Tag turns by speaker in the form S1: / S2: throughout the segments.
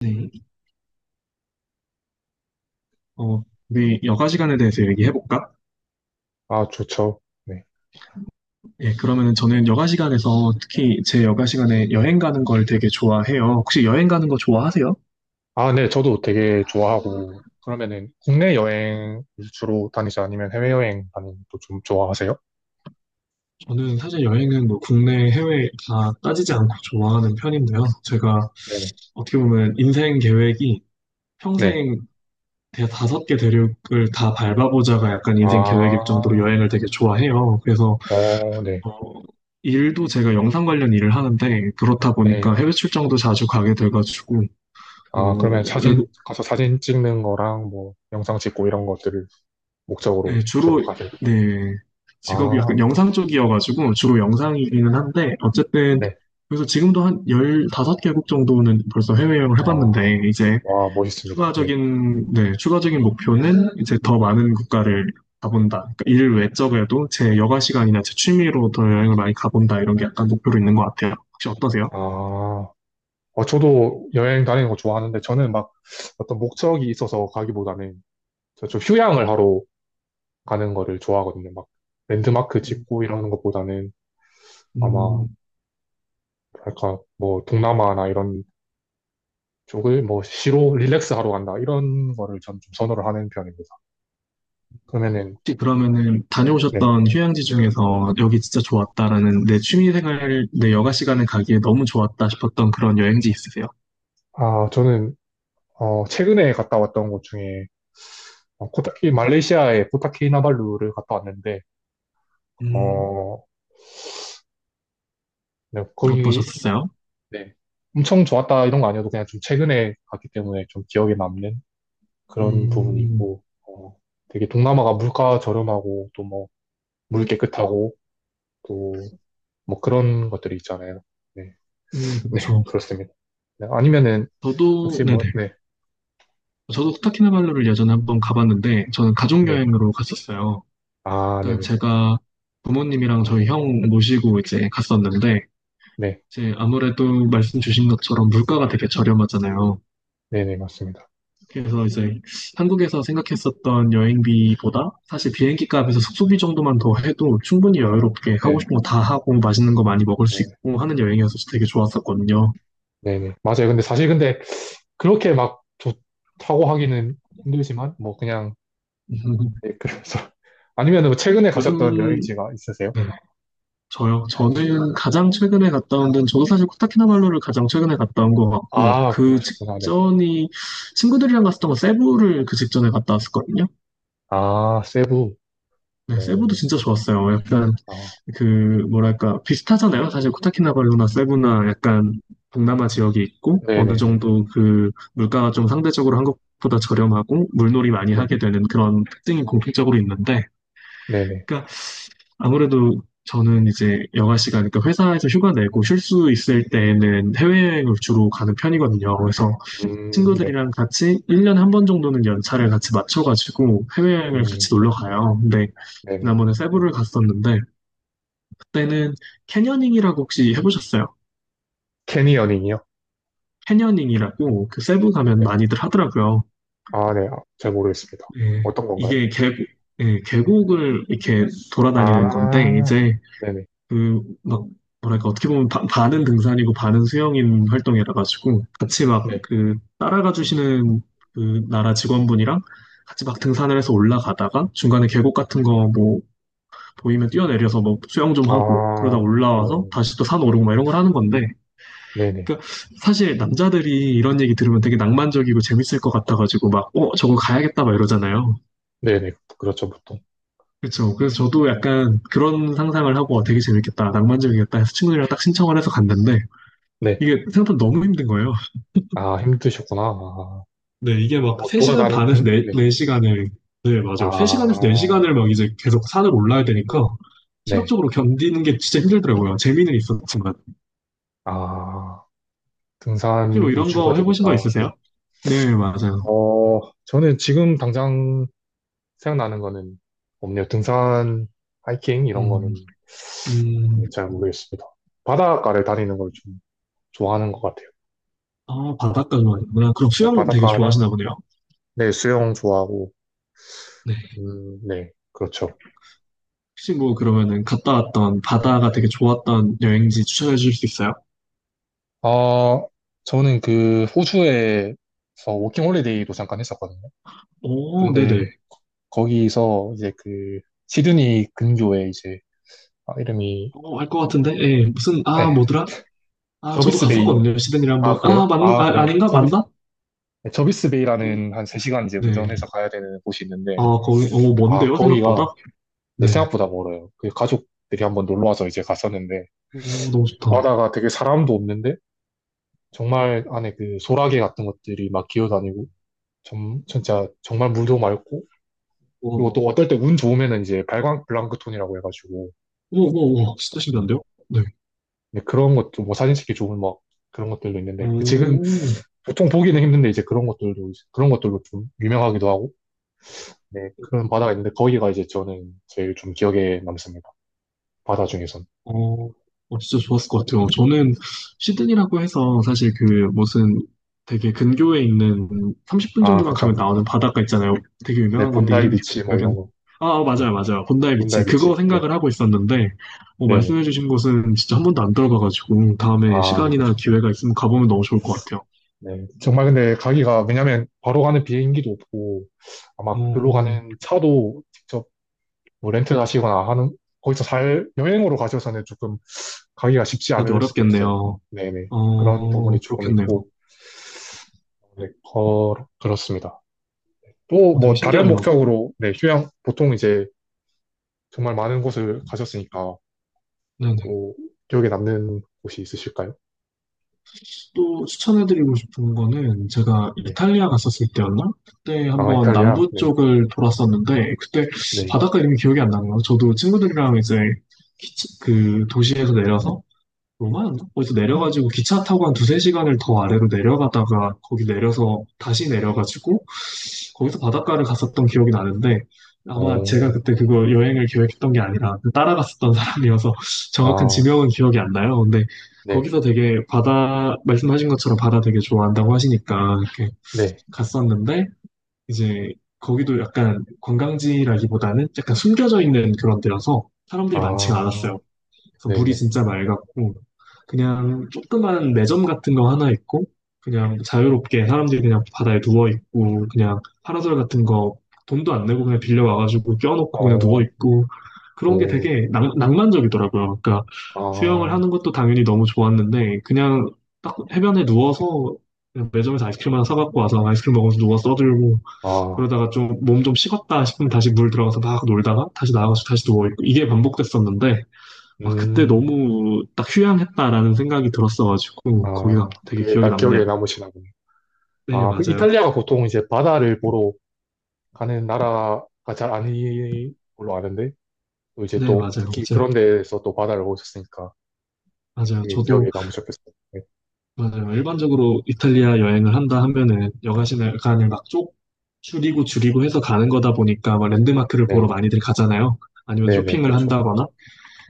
S1: 네, 어, 우리 여가 시간에 대해서 얘기해볼까?
S2: 아, 좋죠. 네.
S1: 예, 그러면은 저는 여가 시간에서 특히 제 여가 시간에 여행 가는 걸 되게 좋아해요. 혹시 여행 가는 거 좋아하세요?
S2: 아, 네, 저도 되게 좋아하고, 그러면은 국내 여행 주로 다니지 아니면 해외여행 다니는 것도 좀 좋아하세요?
S1: 저는 사실 여행은 뭐 국내, 해외 다 따지지 않고 좋아하는 편인데요. 제가
S2: 네.
S1: 어떻게 보면 인생 계획이
S2: 네.
S1: 평생 다섯 개 대륙을 다 밟아보자가 약간 인생 계획일 정도로
S2: 아,
S1: 여행을 되게 좋아해요. 그래서
S2: 어, 네.
S1: 어, 일도 제가 영상 관련 일을 하는데 그렇다 보니까
S2: 네.
S1: 해외 출장도 자주 가게 돼가지고 어,
S2: 아, 그러면 사진, 가서 사진 찍는 거랑 뭐 영상 찍고 이런 것들을 목적으로
S1: 네,
S2: 주로
S1: 주로,
S2: 가세요?
S1: 네, 직업이 약간
S2: 아,
S1: 영상 쪽이어가지고 주로 영상이기는 한데, 어쨌든,
S2: 네.
S1: 그래서 지금도 한 15개국 정도는 벌써 해외여행을
S2: 아,
S1: 해봤는데, 이제
S2: 와, 멋있습니다. 네.
S1: 추가적인, 네, 추가적인 목표는 이제 더 많은 국가를 가본다. 그러니까 일 외적에도 제 여가 시간이나 제 취미로 더 여행을 많이 가본다. 이런 게 약간 목표로 있는 것 같아요. 혹시 어떠세요?
S2: 아, 저도 여행 다니는 거 좋아하는데 저는 막 어떤 목적이 있어서 가기보다는 저좀 휴양을 하러 가는 거를 좋아하거든요. 막 랜드마크 짓고 이러는 것보다는 아마
S1: 음,
S2: 약간 뭐 동남아나 이런 쪽을 뭐 시로 릴렉스 하러 간다 이런 거를 전 좀 선호를 하는 편입니다. 그러면은
S1: 혹시 그러면은
S2: 네.
S1: 다녀오셨던 휴양지 중에서 여기 진짜 좋았다라는 내 취미생활, 내 여가 시간에 가기에 너무 좋았다 싶었던 그런 여행지 있으세요?
S2: 아 저는 최근에 갔다 왔던 곳 중에 코타키 말레이시아의 코타키나발루를 갔다 왔는데
S1: 음,
S2: 어 네, 거기
S1: 어떠셨어요?
S2: 네. 엄청 좋았다 이런 거 아니어도 그냥 좀 최근에 갔기 때문에 좀 기억에 남는 그런 부분이
S1: 음,
S2: 있고 되게 동남아가 물가 저렴하고 또뭐 물 깨끗하고 또 뭐 그런 것들이 있잖아요. 네, 네,
S1: 그렇죠.
S2: 그렇습니다. 네, 아니면은
S1: 저도
S2: 혹시
S1: 네네.
S2: 뭐, 네,
S1: 저도 코타키나발루를 예전에 한번 가봤는데 저는 가족
S2: 네,
S1: 여행으로 갔었어요.
S2: 아,
S1: 그러니까
S2: 네네,
S1: 제가 부모님이랑 저희 형 모시고 이제 갔었는데
S2: 네,
S1: 이제 아무래도 말씀 주신 것처럼 물가가 되게 저렴하잖아요.
S2: 네네, 맞습니다.
S1: 그래서 이제 한국에서 생각했었던 여행비보다 사실 비행기 값에서 숙소비 정도만 더 해도 충분히 여유롭게 하고
S2: 네,
S1: 싶은 거 다 하고 맛있는 거 많이 먹을 수
S2: 네,
S1: 있고 하는 여행이어서 되게 좋았었거든요.
S2: 네네, 맞아요. 근데 사실 근데 그렇게 막 좋다고 하기는 힘들지만 뭐 그냥 네, 그래서 아니면은 뭐 최근에 가셨던
S1: 요즘
S2: 여행지가 있으세요?
S1: 네, 저요. 저는 가장 최근에 갔다 온 데는 저도 사실 코타키나발루를 가장 최근에 갔다 온 것 같고
S2: 아,
S1: 그
S2: 그러셨구나. 네.
S1: 직전이 친구들이랑 갔었던 거 세부를 그 직전에 갔다 왔었거든요.
S2: 아, 세부.
S1: 네, 세부도
S2: 어,
S1: 진짜 좋았어요. 약간
S2: 아,
S1: 그 뭐랄까 비슷하잖아요. 사실 코타키나발루나 세부나 약간 동남아 지역이 있고 어느
S2: 네네네.
S1: 정도 그 물가가 좀 상대적으로 한국보다 저렴하고 물놀이 많이
S2: 네,
S1: 하게 되는 그런 특징이 공통적으로 있는데,
S2: 네네.
S1: 그러니까 아무래도 저는 이제 여가 시간, 그러니까 회사에서 휴가 내고 쉴 수 있을 때에는 해외여행을 주로 가는 편이거든요. 그래서
S2: 네.
S1: 친구들이랑 같이 1년에 한 번 정도는 연차를 같이 맞춰가지고 해외여행을
S2: 음,
S1: 같이 놀러 가요. 근데
S2: 네네.
S1: 지난번에 세부를 갔었는데 때는 캐녀닝이라고 혹시 해보셨어요?
S2: 캐니어닝이요?
S1: 캐녀닝이라고 그 세부 가면
S2: 네.
S1: 많이들 하더라고요.
S2: 아, 네. 아, 잘
S1: 이-
S2: 모르겠습니다.
S1: 네.
S2: 어떤 건가요?
S1: 이게 계곡, 예, 계곡을 이렇게 돌아다니는 건데
S2: 아,
S1: 이제
S2: 네네.
S1: 그 막 뭐랄까 어떻게 보면 반은 등산이고 반은 수영인 활동이라 가지고 같이 막
S2: 네.
S1: 그 따라가 주시는 그 나라 직원분이랑 같이 막 등산을 해서 올라가다가 중간에 계곡 같은 거 뭐 보이면 뛰어내려서 뭐 수영 좀 하고 그러다
S2: 아,
S1: 올라와서
S2: 오,
S1: 다시 또 산 오르고 막 이런 걸 하는 건데
S2: 네네.
S1: 그러니까 사실 남자들이 이런 얘기 들으면 되게 낭만적이고 재밌을 것 같아가지고 막, 저거 가야겠다 막 이러잖아요.
S2: 네네. 그렇죠, 보통.
S1: 그렇죠. 그래서 저도 약간 그런 상상을 하고 어, 되게 재밌겠다, 낭만적이겠다 해서 친구들이랑 딱 신청을 해서 갔는데
S2: 네.
S1: 이게 생각보다 너무 힘든 거예요.
S2: 아, 힘드셨구나. 아,
S1: 네, 이게 막
S2: 뭐,
S1: 3시간
S2: 돌아다니,
S1: 반에서
S2: 등?
S1: 4,
S2: 네.
S1: 네시간을 네, 맞아요. 3시간에서
S2: 아,
S1: 4시간을 막 이제 계속 산을 올라야 되니까
S2: 네.
S1: 체력적으로 견디는 게 진짜 힘들더라고요. 재미는 있었지만.
S2: 아,
S1: 혹시 뭐
S2: 등산이
S1: 이런
S2: 주가
S1: 거 해보신 거
S2: 되니까, 네.
S1: 있으세요? 네, 맞아요.
S2: 어, 저는 지금 당장 생각나는 거는 없네요. 등산, 하이킹, 이런
S1: 음,
S2: 거는
S1: 음.
S2: 네, 잘 모르겠습니다. 바닷가를 다니는 걸 좀 좋아하는 것 같아요.
S1: 아, 바닷가 좋아하시구나. 그럼
S2: 네,
S1: 수영 되게
S2: 바닷가나,
S1: 좋아하시나 보네요.
S2: 네, 수영 좋아하고,
S1: 네.
S2: 네, 그렇죠.
S1: 혹시 뭐 그러면은 갔다 왔던 바다가 되게 좋았던 여행지 추천해 주실 수 있어요?
S2: 아, 저는 그 호주에서 워킹 홀리데이로 잠깐 했었거든요.
S1: 오,
S2: 근데
S1: 네네.
S2: 거기서 이제 그 시드니 근교에 이제 아, 이름이
S1: 어, 알 것 같은데? 예, 무슨, 아,
S2: 예,
S1: 뭐더라? 아, 저도
S2: 저비스 베이
S1: 갔었거든요. 시드니를 한번.
S2: 아
S1: 아,
S2: 그래요?
S1: 맞는,
S2: 아
S1: 아,
S2: 그래요.
S1: 아닌가?
S2: 저비스
S1: 맞나?
S2: 네, 저비스
S1: 음,
S2: 베이라는 한 3시간 이제
S1: 네.
S2: 운전해서 가야 되는 곳이 있는데
S1: 아, 거기, 어,
S2: 아
S1: 먼데요? 생각보다?
S2: 거기가 내
S1: 네.
S2: 생각보다 멀어요. 그 가족들이 한번 놀러 와서 이제 갔었는데
S1: 오, 너무
S2: 그
S1: 좋다.
S2: 바다가 되게 사람도 없는데 정말 안에 그 소라게 같은 것들이 막 기어다니고 진짜 정말 물도 맑고 그리고
S1: 우와,
S2: 또 어떨 때 운 좋으면은 이제 발광 블랑크톤이라고 해가지고
S1: 우와, 우와, 우와. 진짜 신기한데요? 네.
S2: 근데 그런 것도 뭐 사진 찍기 좋은 막 그런 것들도 있는데 그 지금
S1: 오.
S2: 보통 보기는 힘든데 이제 그런 것들도 이제 그런 것들로 좀 유명하기도 하고 네 그런 바다가 있는데 거기가 이제 저는 제일 좀 기억에 남습니다 바다 중에선
S1: 어, 어, 진짜 좋았을 것 같아요. 저는 시드니라고 해서 사실 그 무슨 되게 근교에 있는 30분
S2: 아
S1: 정도만 가면
S2: 그쵸
S1: 나오는 바닷가 있잖아요. 되게
S2: 네
S1: 유명한 건데
S2: 본다이
S1: 이름이
S2: 비치
S1: 갑자기
S2: 뭐
S1: 기억이 안
S2: 이런
S1: 나.
S2: 거
S1: 아, 아,
S2: 네
S1: 맞아요, 맞아요. 본다이
S2: 본다이
S1: 비치. 그거
S2: 비치 네
S1: 생각을 하고 있었는데, 어,
S2: 네네
S1: 말씀해주신 곳은 진짜 한 번도 안 들어가가지고 다음에
S2: 아네
S1: 시간이나
S2: 그쵸
S1: 기회가 있으면 가보면 너무 좋을 것 같아요.
S2: 네 정말 근데 가기가 왜냐면 바로 가는 비행기도 없고 아마
S1: 어,
S2: 글로 가는 차도 직접 뭐 렌트 가시거나 하는, 거기서 살, 여행으로 가셔서는 조금 가기가 쉽지
S1: 근데
S2: 않을 수도 있어요.
S1: 어렵겠네요.
S2: 네네. 그런
S1: 어,
S2: 부분이 조금
S1: 그렇겠네요.
S2: 있고, 네, 거, 그렇습니다. 또
S1: 어, 되게
S2: 뭐 다른
S1: 신기하네요.
S2: 목적으로, 네, 휴양, 보통 이제 정말 많은 곳을 가셨으니까 또 기억에 남는 곳이 있으실까요?
S1: 또 추천해드리고 싶은 거는 제가
S2: 네.
S1: 이탈리아 갔었을 때였나? 그때
S2: 아,
S1: 한번
S2: 이탈리아?
S1: 남부
S2: 네.
S1: 쪽을 돌았었는데 그때
S2: 네.
S1: 바닷가 이름이 기억이 안 나네요. 저도 친구들이랑 이제 그 도시에서 내려서 로마였나? 거기서 내려가지고 기차 타고 한 두세 시간을 더 아래로 내려가다가 거기 내려서 다시 내려가지고 거기서 바닷가를 갔었던 기억이 나는데 아마 제가
S2: 어,
S1: 그때 그거 여행을 계획했던 게 아니라 그 따라갔었던 사람이어서 정확한
S2: 아,
S1: 지명은 기억이 안 나요. 근데
S2: 네.
S1: 거기서 되게 바다, 말씀하신 것처럼 바다 되게 좋아한다고 하시니까 이렇게
S2: 네.
S1: 갔었는데 이제 거기도 약간 관광지라기보다는 약간 숨겨져 있는 그런 데여서 사람들이 많지가
S2: 아,
S1: 않았어요. 그래서 물이
S2: 네네.
S1: 진짜 맑았고 그냥 조그만 매점 같은 거 하나 있고 그냥 자유롭게 사람들이 그냥 바다에 누워 있고 그냥 파라솔 같은 거 돈도 안 내고 그냥 빌려 와가지고 껴놓고 그냥 누워
S2: 어,
S1: 있고 그런 게
S2: 오,
S1: 되게 낭만적이더라고요. 그러니까
S2: 아,
S1: 수영을 하는 것도 당연히 너무 좋았는데 그냥 딱 해변에 누워서 그냥 매점에서 아이스크림 하나 사갖고 와서 아이스크림 먹으면서 누워 써들고
S2: 아,
S1: 그러다가 좀 몸 좀 식었다 싶으면 다시 물 들어가서 막 놀다가 다시 나와가지고 다시 누워있고 이게 반복됐었는데 아, 그때
S2: 음,
S1: 너무 딱 휴양했다라는 생각이 들었어가지고, 거기가
S2: 아,
S1: 되게
S2: 그게
S1: 기억이
S2: 딱
S1: 남네요.
S2: 기억에 남으시나 보네.
S1: 네,
S2: 아, 그
S1: 맞아요.
S2: 이탈리아가 보통 이제 바다를 보러 가는 나라가 잘 아닌 걸로 아는데, 또 이제
S1: 네,
S2: 또
S1: 맞아요.
S2: 특히
S1: 맞아요.
S2: 그런 데에서 또 바다를 보셨으니까
S1: 맞아요.
S2: 되게
S1: 저도,
S2: 기억에 남으셨겠어요. 네,
S1: 맞아요. 일반적으로 이탈리아 여행을 한다 하면은, 여가시간을 막쪽 줄이고 해서 가는 거다 보니까, 막 랜드마크를 보러
S2: 네네.
S1: 많이들 가잖아요. 아니면
S2: 네네,
S1: 쇼핑을
S2: 그쵸.
S1: 한다거나,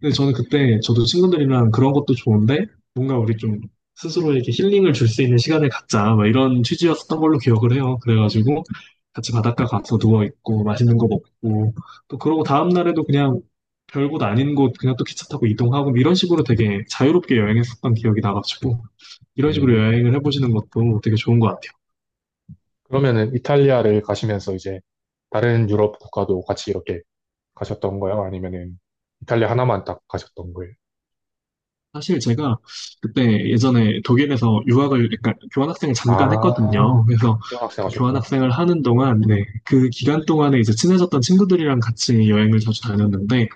S1: 근데 저는 그때 저도 친구들이랑 그런 것도 좋은데 뭔가 우리 좀 스스로에게 힐링을 줄 수 있는 시간을 갖자 막 이런 취지였던 걸로 기억을 해요. 그래가지고 같이 바닷가 가서 누워 있고 맛있는 거 먹고 또 그러고 다음 날에도 그냥 별곳 아닌 곳 그냥 또 기차 타고 이동하고 뭐 이런 식으로 되게 자유롭게 여행했었던 기억이 나가지고 이런 식으로
S2: 음,
S1: 여행을 해보시는 것도 되게 좋은 것 같아요.
S2: 그러면은 이탈리아를 가시면서 이제 다른 유럽 국가도 같이 이렇게 가셨던 거예요? 아니면은 이탈리아 하나만 딱 가셨던 거예요?
S1: 사실 제가 그때 예전에 독일에서 유학을, 그러니까 교환학생을 잠깐
S2: 아,
S1: 했거든요. 그래서
S2: 교환학생
S1: 그
S2: 하셨구나.
S1: 교환학생을 하는 동안, 네, 그 기간 동안에 이제 친해졌던 친구들이랑 같이 여행을 자주 다녔는데,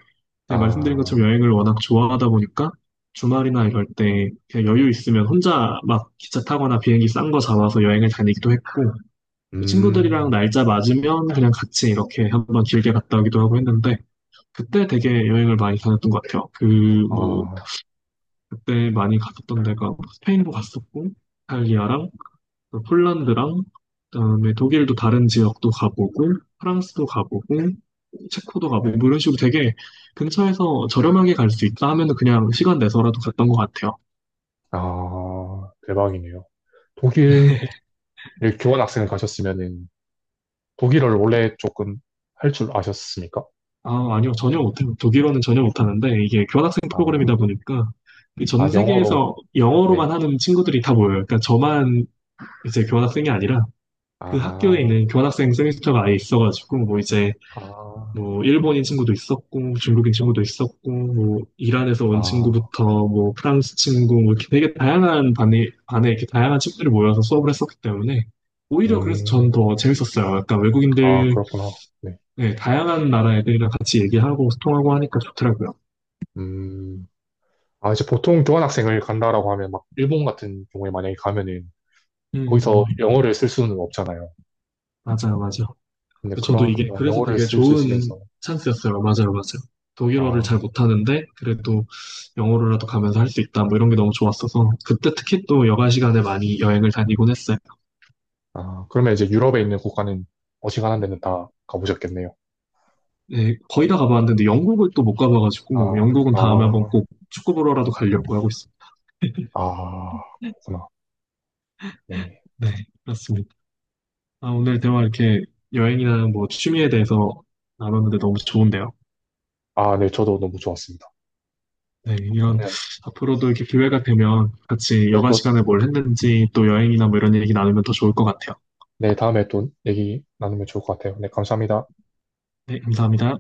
S1: 제가 말씀드린 것처럼
S2: 아,
S1: 여행을 워낙 좋아하다 보니까 주말이나 이럴 때 그냥 여유 있으면 혼자 막 기차 타거나 비행기 싼 거 잡아서 여행을 다니기도 했고, 또 친구들이랑
S2: 음,
S1: 날짜 맞으면 그냥 같이 이렇게 한번 길게 갔다 오기도 하고 했는데, 그때 되게 여행을 많이 다녔던 것 같아요. 그, 뭐,
S2: 아,
S1: 그때 많이 갔었던 데가 스페인도 갔었고, 이탈리아랑 그 폴란드랑 그다음에 독일도 다른 지역도 가보고, 프랑스도 가보고, 체코도 가보고 뭐 이런 식으로 되게 근처에서 저렴하게 갈 수 있다 하면은 그냥 시간 내서라도 갔던 것 같아요.
S2: 아, 대박이네요. 독일 교환학생을 가셨으면은 독일어를 원래 조금 할 줄 아셨습니까?
S1: 아, 아니요. 전혀 못해요. 독일어는 전혀 못하는데 이게 교환학생
S2: 아,
S1: 프로그램이다 보니까 이전
S2: 아, 영어로,
S1: 세계에서 영어로만
S2: 네.
S1: 하는 친구들이 다 모여요. 그러니까 저만 이제 교환학생이 아니라 그 학교에
S2: 아,
S1: 있는 교환학생 세미스터가 아예 있어가지고 뭐 이제
S2: 아,
S1: 뭐 일본인 친구도 있었고 중국인 친구도 있었고 뭐 이란에서 온
S2: 아,
S1: 친구부터 뭐 프랑스 친구 뭐 이렇게 되게 다양한 반에 이렇게 다양한 친구들이 모여서 수업을 했었기 때문에 오히려 그래서 전
S2: 음,
S1: 더 재밌었어요. 약간
S2: 아,
S1: 외국인들
S2: 그렇구나. 네.
S1: 네, 다양한 나라 애들이랑 같이 얘기하고 소통하고 하니까 좋더라고요.
S2: 음, 아, 이제 보통 교환학생을 간다라고 하면 막 일본 같은 경우에 만약에 가면은 거기서
S1: 음
S2: 영어를 쓸 수는 없잖아요.
S1: 맞아요 맞아요.
S2: 근데
S1: 저도
S2: 그런
S1: 이게 그래서
S2: 영어를
S1: 되게
S2: 쓸 수
S1: 좋은
S2: 있으면서,
S1: 찬스였어요. 맞아요, 맞아요. 독일어를 잘
S2: 아,
S1: 못하는데 그래도 영어로라도 가면서 할 수 있다. 뭐 이런 게 너무 좋았어서 그때 특히 또 여가 시간에 많이 여행을 다니곤 했어요.
S2: 아, 그러면 이제 유럽에 있는 국가는 어지간한 데는 다 가보셨겠네요.
S1: 네, 거의 다 가봤는데 영국을 또 못
S2: 아,
S1: 가봐가지고 영국은 다음에 한번
S2: 아,
S1: 꼭 축구 보러라도 가려고 하고 있어요.
S2: 아, 그렇구나. 네.
S1: 네, 그렇습니다. 아, 오늘 대화 이렇게 여행이나 뭐 취미에 대해서 나눴는데 너무 좋은데요.
S2: 아, 네, 저도 너무 좋았습니다.
S1: 네, 이런
S2: 그러면
S1: 앞으로도 이렇게 기회가 되면 같이
S2: 네,
S1: 여가
S2: 또,
S1: 시간에 뭘 했는지 또 여행이나 뭐 이런 얘기 나누면 더 좋을 것 같아요.
S2: 네, 다음에 또 얘기 나누면 좋을 것 같아요. 네, 감사합니다.
S1: 네, 감사합니다.